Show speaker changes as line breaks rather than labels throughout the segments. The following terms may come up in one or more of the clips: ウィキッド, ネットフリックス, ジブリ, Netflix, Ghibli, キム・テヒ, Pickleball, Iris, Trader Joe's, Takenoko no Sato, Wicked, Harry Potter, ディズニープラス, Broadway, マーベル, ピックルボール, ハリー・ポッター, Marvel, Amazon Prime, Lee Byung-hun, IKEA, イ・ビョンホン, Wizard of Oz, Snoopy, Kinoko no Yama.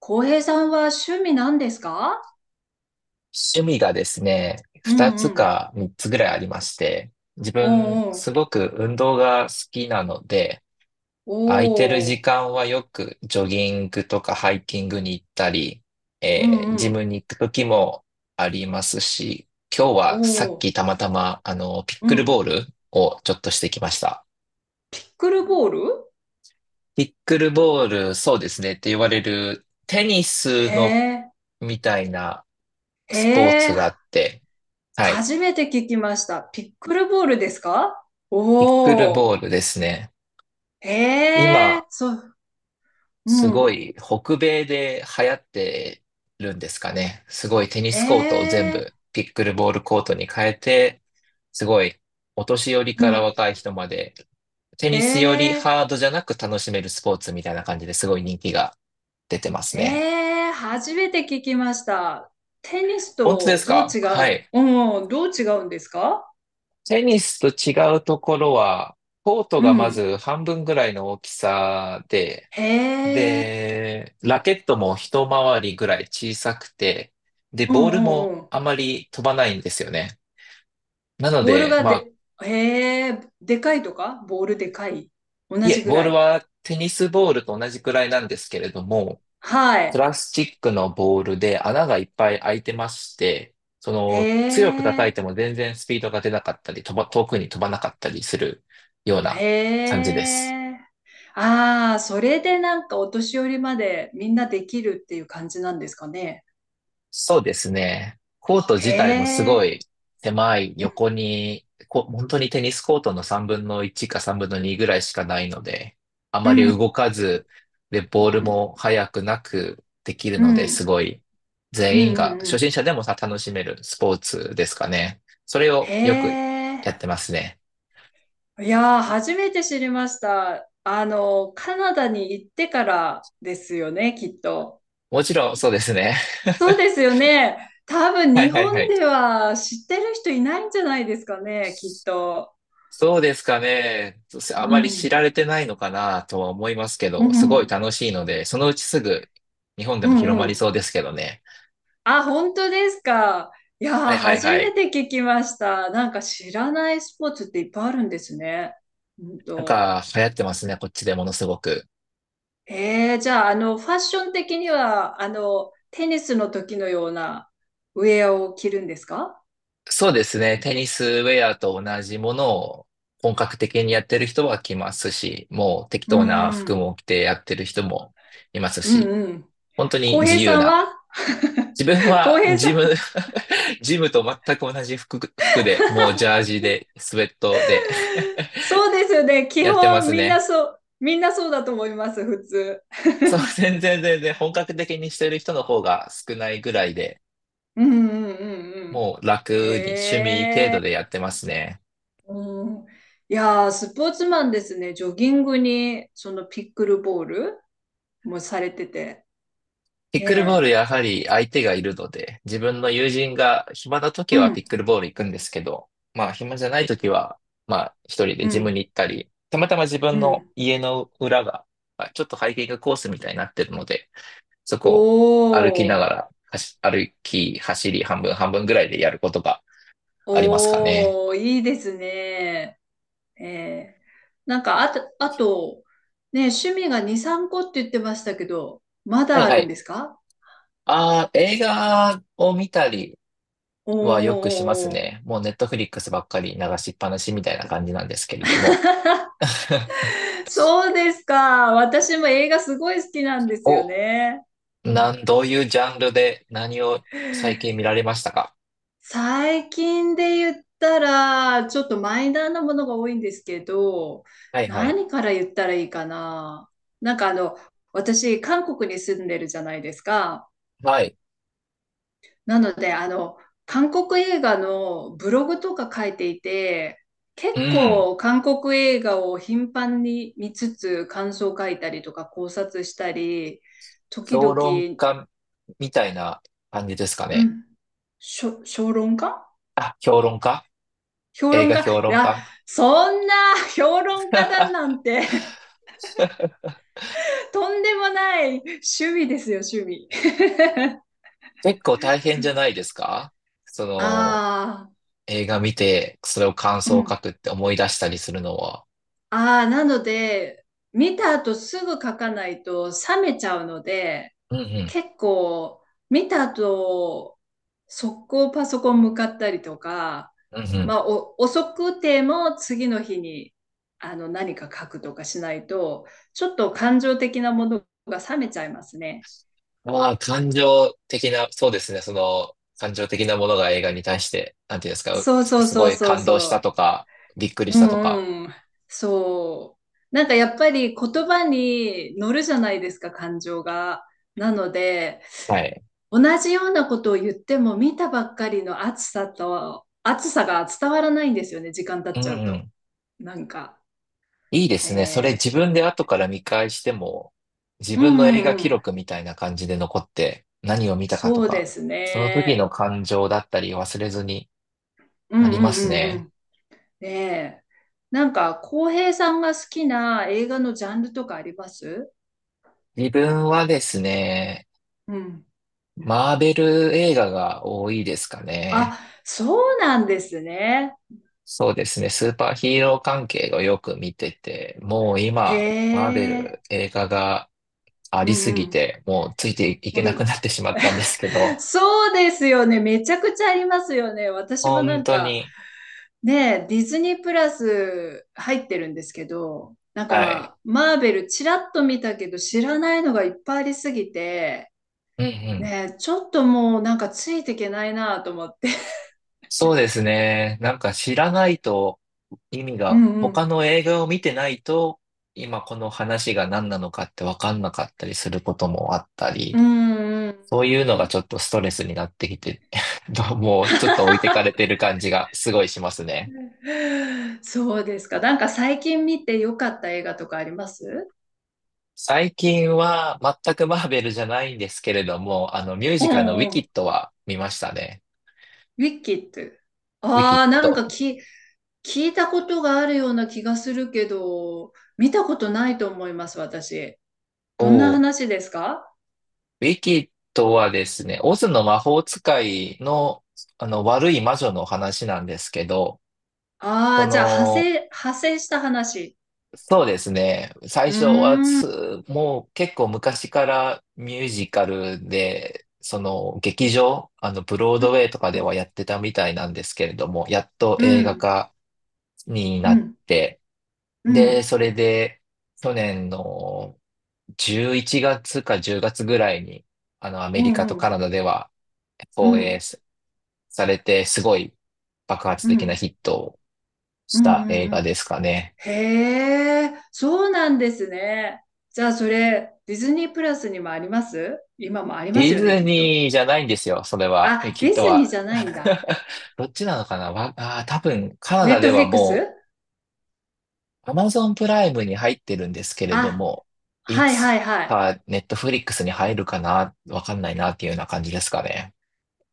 浩平さんは趣味なんですか？
趣味がですね、
う
二
ん
つ
うん。
か三つぐらいありまして、自
お
分
う、
すごく運動が好きなので、空いてる
おう。お
時
う。
間はよくジョギングとかハイキングに行ったり、
うんう
ジム
ん。
に行く時もありますし、今日はさ
お
っき
う。
たまたま、ピッ
う
クルボー
ん。
ルをちょっとしてきました。
ピックルボール？
ピックルボール、そうですねって言われるテニス
へ
の
え。
みたいな
へ
スポーツ
え。
があって、はい。
初めて聞きました。ピックルボールですか？
ピック
お
ル
お
ボ
う。
ールですね。
へ
今、
え。そう。う
すご
ん。
い北米で流行ってるんですかね。すごいテニスコートを全
へえ。
部ピックルボールコートに変えて、すごいお年寄り
う
から
ん。
若い人まで、テ
へ
ニスより
え。
ハードじゃなく楽しめるスポーツみたいな感じですごい人気が出てますね。
へえ。初めて聞きました。テニス
本当で
と
す
どう
か。
違
は
う
い。
うん。どう違うんですか？
テニスと違うところは、コート
う
がま
ん。
ず半分ぐらいの大きさで、
へえ。
で、ラケットも一回りぐらい小さくて、で、
う
ボ
ん
ール
うん
も
うん。
あまり飛ばないんですよね。なの
ボール
で、
が
まあ、
で、へえ、でかいとか、ボールでかい。同
い
じ
え、
ぐ
ボー
ら
ル
い。
はテニスボールと同じくらいなんですけれども、
は
プ
い。
ラスチックのボールで穴がいっぱい開いてまして、そ
へ
の、強く叩い
え、
ても全然スピードが出なかったり、遠くに飛ばなかったりするよう
へ
な感じです。
え。ああ、それでなんかお年寄りまでみんなできるっていう感じなんですかね。
そうですね。コート
へ
自体もすご
え。
い狭い横に、本当にテニスコートの3分の1か3分の2ぐらいしかないので、あ
う
まり
んうん
動かず、で、ボールも速くなくできる
う
ので、す
ん
ごい
うん
全
う
員
んう
が、
んうんう
初
ん、
心者でもさ、楽しめるスポーツですかね。それ
へ
をよくやっ
え、
てますね。
いやー、初めて知りました。あの、カナダに行ってからですよね、きっと？
もちろん、そうですね。
そうで すよね。多分
はい
日
はいは
本
い。
では知ってる人いないんじゃないですかね、きっと。
そうですかね。あ
う
まり知
ん。
られてないのかなとは思いますけ
う
ど、すごい
ん。
楽しいので、そのうちすぐ日本で
う
も広
んう
まり
ん。
そうですけどね。
あ、本当ですか。いや
は
ー、
いはい
初
は
め
い。
て聞きました。なんか知らないスポーツっていっぱいあるんですね。うん
なん
と。
か流行ってますね、こっちでものすごく。
じゃあ、あの、ファッション的には、あの、テニスの時のようなウェアを着るんですか？
そうですね。テニスウェアと同じものを本格的にやってる人は来ますし、もう適
う
当な服
ん。
も着てやってる人もいます
うん
し、
うん。
本当に
浩
自
平さ
由
んは。
な。自分
浩
は
平さ
ジ
ん。
ム、ジムと全く同じ服で、もうジャージで、スウェットで
そうですね。基
やってま
本
す
みんな
ね。
そう、みんなそうだと思います、普通。
そう、全然全然本格的にしてる人の方が少ないぐらいで、
うんうんうんうん。
もう楽に趣
へ
味程度で
え。
やってますね。
うん。いやー、スポーツマンですね。ジョギングに、そのピックルボールもされてて。
ピックルボール
ねえ。
やはり相手がいるので、自分の友人が暇な
う
時は
ん。
ピックルボール行くんですけど、まあ暇じゃない時は、まあ一人で
う
ジムに
ん。
行ったり、たまたま自分
う
の
ん。
家の裏が、まあちょっとハイキングコースみたいになってるので、そこ
お
を歩きな
ー。
がら、走歩き、走り、半分半分ぐらいでやることがありますかね。
おー、いいですね。ええ。なんか、あと、ねえ、趣味が2、3個って言ってましたけど、ま
は
だ
い
あ
は
るん
い。
ですか？
ああ、映画を見たり
お
はよくします
お、
ね。もうネットフリックスばっかり流しっぱなしみたいな感じなんですけれども。
そうですか。私も映画すごい好きなんですよ
お、
ね。うん、
どういうジャンルで何を最近見られましたか？
最近で言ったら、ちょっとマイナーなものが多いんですけど、
はいはい。
何から言ったらいいかな。なんかあの、私、韓国に住んでるじゃないですか。
はい。
なので、あの、韓国映画のブログとか書いていて、結
うん。
構韓国映画を頻繁に見つつ感想書いたりとか考察したり、時
評
々、
論家みたいな感じですか
う
ね。
ん、評論家？
あ、評論家。
評
映
論
画
家、い
評論
や、
家。
そんな。 評論家だなんて。 とんでもない趣味ですよ、趣味。
結構大変じゃないですか。その、
あ
映画見て、それを感
あ、う
想を
ん。
書くって思い出したりするのは。
ああ、なので、見た後すぐ書かないと冷めちゃうので、
うんうん。
結構、見た後、速攻パソコン向かったりとか、
うんう
ま
ん。
あ、お遅くても次の日に、あの、何か書くとかしないと、ちょっと感情的なものが冷めちゃいますね。
まあ、感情的な、そうですね。その、感情的なものが映画に対して、なんていうんですか、
そうそう
す
そ
ご
う
い
そう
感動した
そ
とか、びっくりし
う。う
たとか。
んうん。そう。なんかやっぱり言葉に乗るじゃないですか、感情が。なので、
はい。
同じようなことを言っても見たばっかりの暑さと暑さが伝わらないんですよね、時間経
う
っ
んう
ちゃうと。
ん。
なんか、
いいですね。それ
ね
自分で後から見返しても、自
えー、う
分の
ん
映
う
画記
んうん、
録みたいな感じで残って、何を見たかと
そうで
か、
す
その時
ね、
の感情だったり忘れずに
う
な
ん
り
う
ま
んう
す
んう
ね。
ん、ねえ、なんか浩平さんが好きな映画のジャンルとかあります？
自分はですね、
うん、
マーベル映画が多いですかね。
あ、そうなんですね。
そうですね。スーパーヒーロー関係をよく見てて、もう
へ
今、マーベ
え。
ル映画があ
う
り
ん
す
う
ぎ
ん
て、もうついていけ
う
なく
ん。
なってしまったんですけ ど、
そうですよね、めちゃくちゃありますよね。私もな
本
ん
当
か、
に、
で、ディズニープラス入ってるんですけど、なん
はい。
か、マーベルちらっと見たけど知らないのがいっぱいありすぎて、
うんうん。
ね、ちょっともうなんかついていけないなと思って。
そうですね。なんか知らないと意味
う
が、
んう
他
ん。
の映画を見てないと、今この話が何なのかってわかんなかったりすることもあったり、
うんうん
そういうのがちょっとストレスになってきて、もうちょっと置いてかれてる感じがすごいしますね。
うん。そうですか。なんか最近見てよかった映画とかあります？
最近は全くマーベルじゃないんですけれども、あのミュー
う
ジカルのウ
ん
ィ
うん。
キ
ウ
ッドは見ましたね。
ィキッド。
ウィキ
あ
ッ
あ、なん
ド。
か聞いたことがあるような気がするけど、見たことないと思います、私。
お
どんな
ー
話ですか？
ウィキッドはですね、オズの魔法使いの、あの悪い魔女の話なんですけど、そ
ああ、じゃあ、派
の、
生、派生した話。
そうですね、最
う
初は
ーん。
つもう結構昔からミュージカルで、その劇場、あのブロー
う
ドウ
ん、
ェイとか
う
で
ん、
はやってたみたいなんですけれども、やっと
う
映画
ん、
化にな
う
っ
ん、
て、
う
で、
ん、
それで、去年の11月か10月ぐらいに、あの、ア
う
メリカとカ
ん、
ナダでは
う
放
ん、う
映
ん、
されて、すごい爆発
う
的な
ん、
ヒットを
う
した映
ん、う
画
ん。
ですかね。
へえ、そうなんですね。じゃあ、それ、ディズニープラスにもあります？今もあります
ディ
よね、
ズ
きっと。
ニーじゃないんですよ、それは。え、
あ、
き
デ
っ
ィ
と
ズニー
は。
じゃないんだ。
どっちなのかなわ、あー、多分、カナ
ネ
ダ
ット
で
フ
は
リック
も
ス。
う、アマゾンプライムに入ってるんですけれど
あ、
も、い
はいはい
つ
はい。
かネットフリックスに入るかなわかんないなっていうような感じですかね。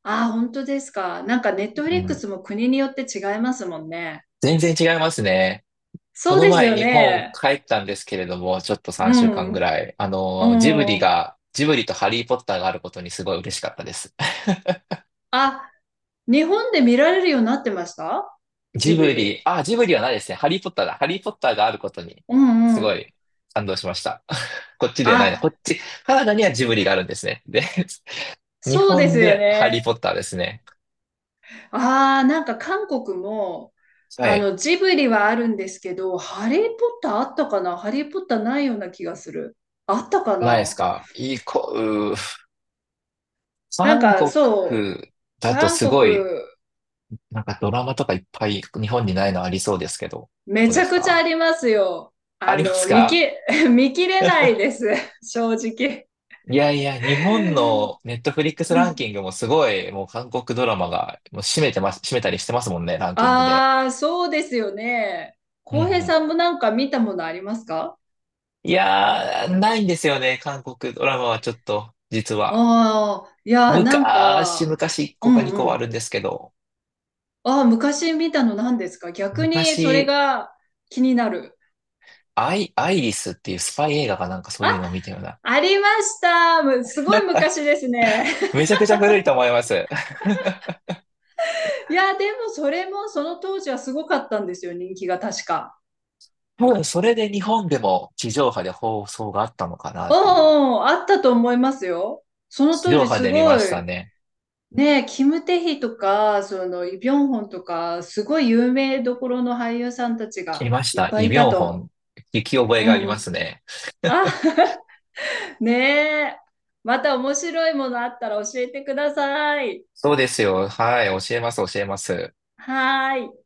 あ、本当ですか。なんかネットフ
う
リック
ん。
スも国によって違いますもんね。
全然違いますね。こ
そう
の
です
前
よ
日本
ね。
帰ったんですけれども、ちょっと
う
3週間ぐ
ん。
らい。あ
う
の、ジブリ
ん。
が、ジブリとハリーポッターがあることにすごい嬉しかったです。
あ、日本で見られるようになってました？ジ
ジ
ブ
ブリ、
リ。
あ、ジブリはないですね。ハリーポッターだ。ハリーポッターがあることに、
うん
す
う
ご
ん。
い感動しました。こっちではないな。こ
あ、
っち、カナダにはジブリがあるんですね。で、日
そうです
本
よ
でハリー
ね。
ポッターですね。
ああ、なんか韓国も、
は
あ
い。
の、ジブリはあるんですけど、ハリー・ポッターあったかな。ハリー・ポッターないような気がする。あったか
ないです
な。
か？いいこ、
なん
韓
か、
国
そう、
だと
韓
す
国、
ごいなんかドラマとかいっぱい日本にないのありそうですけど、ど
め
う
ち
で
ゃ
す
くちゃあ
か？
りますよ。
あ
あ
りま
の、
すか？
見切れ ないです。正直。
いやいや、日本のネットフリックス
う
ランキ
ん、
ングもすごい、もう韓国ドラマがもう占めてます、占めたりしてますもんね、ランキングで。
ああ、そうですよね。
うん
浩平
うん。
さんもなんか見たものありますか？
いやー、ないんですよね、韓国ドラマはちょっと、実
あ
は。
あー、いやー、なん
昔、
か、
昔1
う
個か
ん
2個はあ
うん。
るんですけど、
ああ、昔見たの何ですか？逆にそれ
昔、
が気になる。
アイリスっていうスパイ映画かなんかそういうのを見たような。
ありました、すごい昔ですね。
めちゃくちゃ古いと思います。
いやでもそれもその当時はすごかったんですよ、人気が確か。
多分それで日本でも地上波で放送があったのかな
う
っ
ん
ていう。
うん、あったと思いますよ。その
地
当
上
時
波
す
で見ま
ご
した
い、
ね。
ねえ、キム・テヒとか、その、イ・ビョンホンとか、すごい有名どころの俳優さんたちが
見まし
いっ
た。
ぱい
イ・
い
ビ
た
ョンホン。
と。
聞き覚え
う
があり
んう
ま
ん。
すね。
あ、ねえ。また面白いものあったら教えてください。
そうですよ。はい。教えます、教えます。
はーい。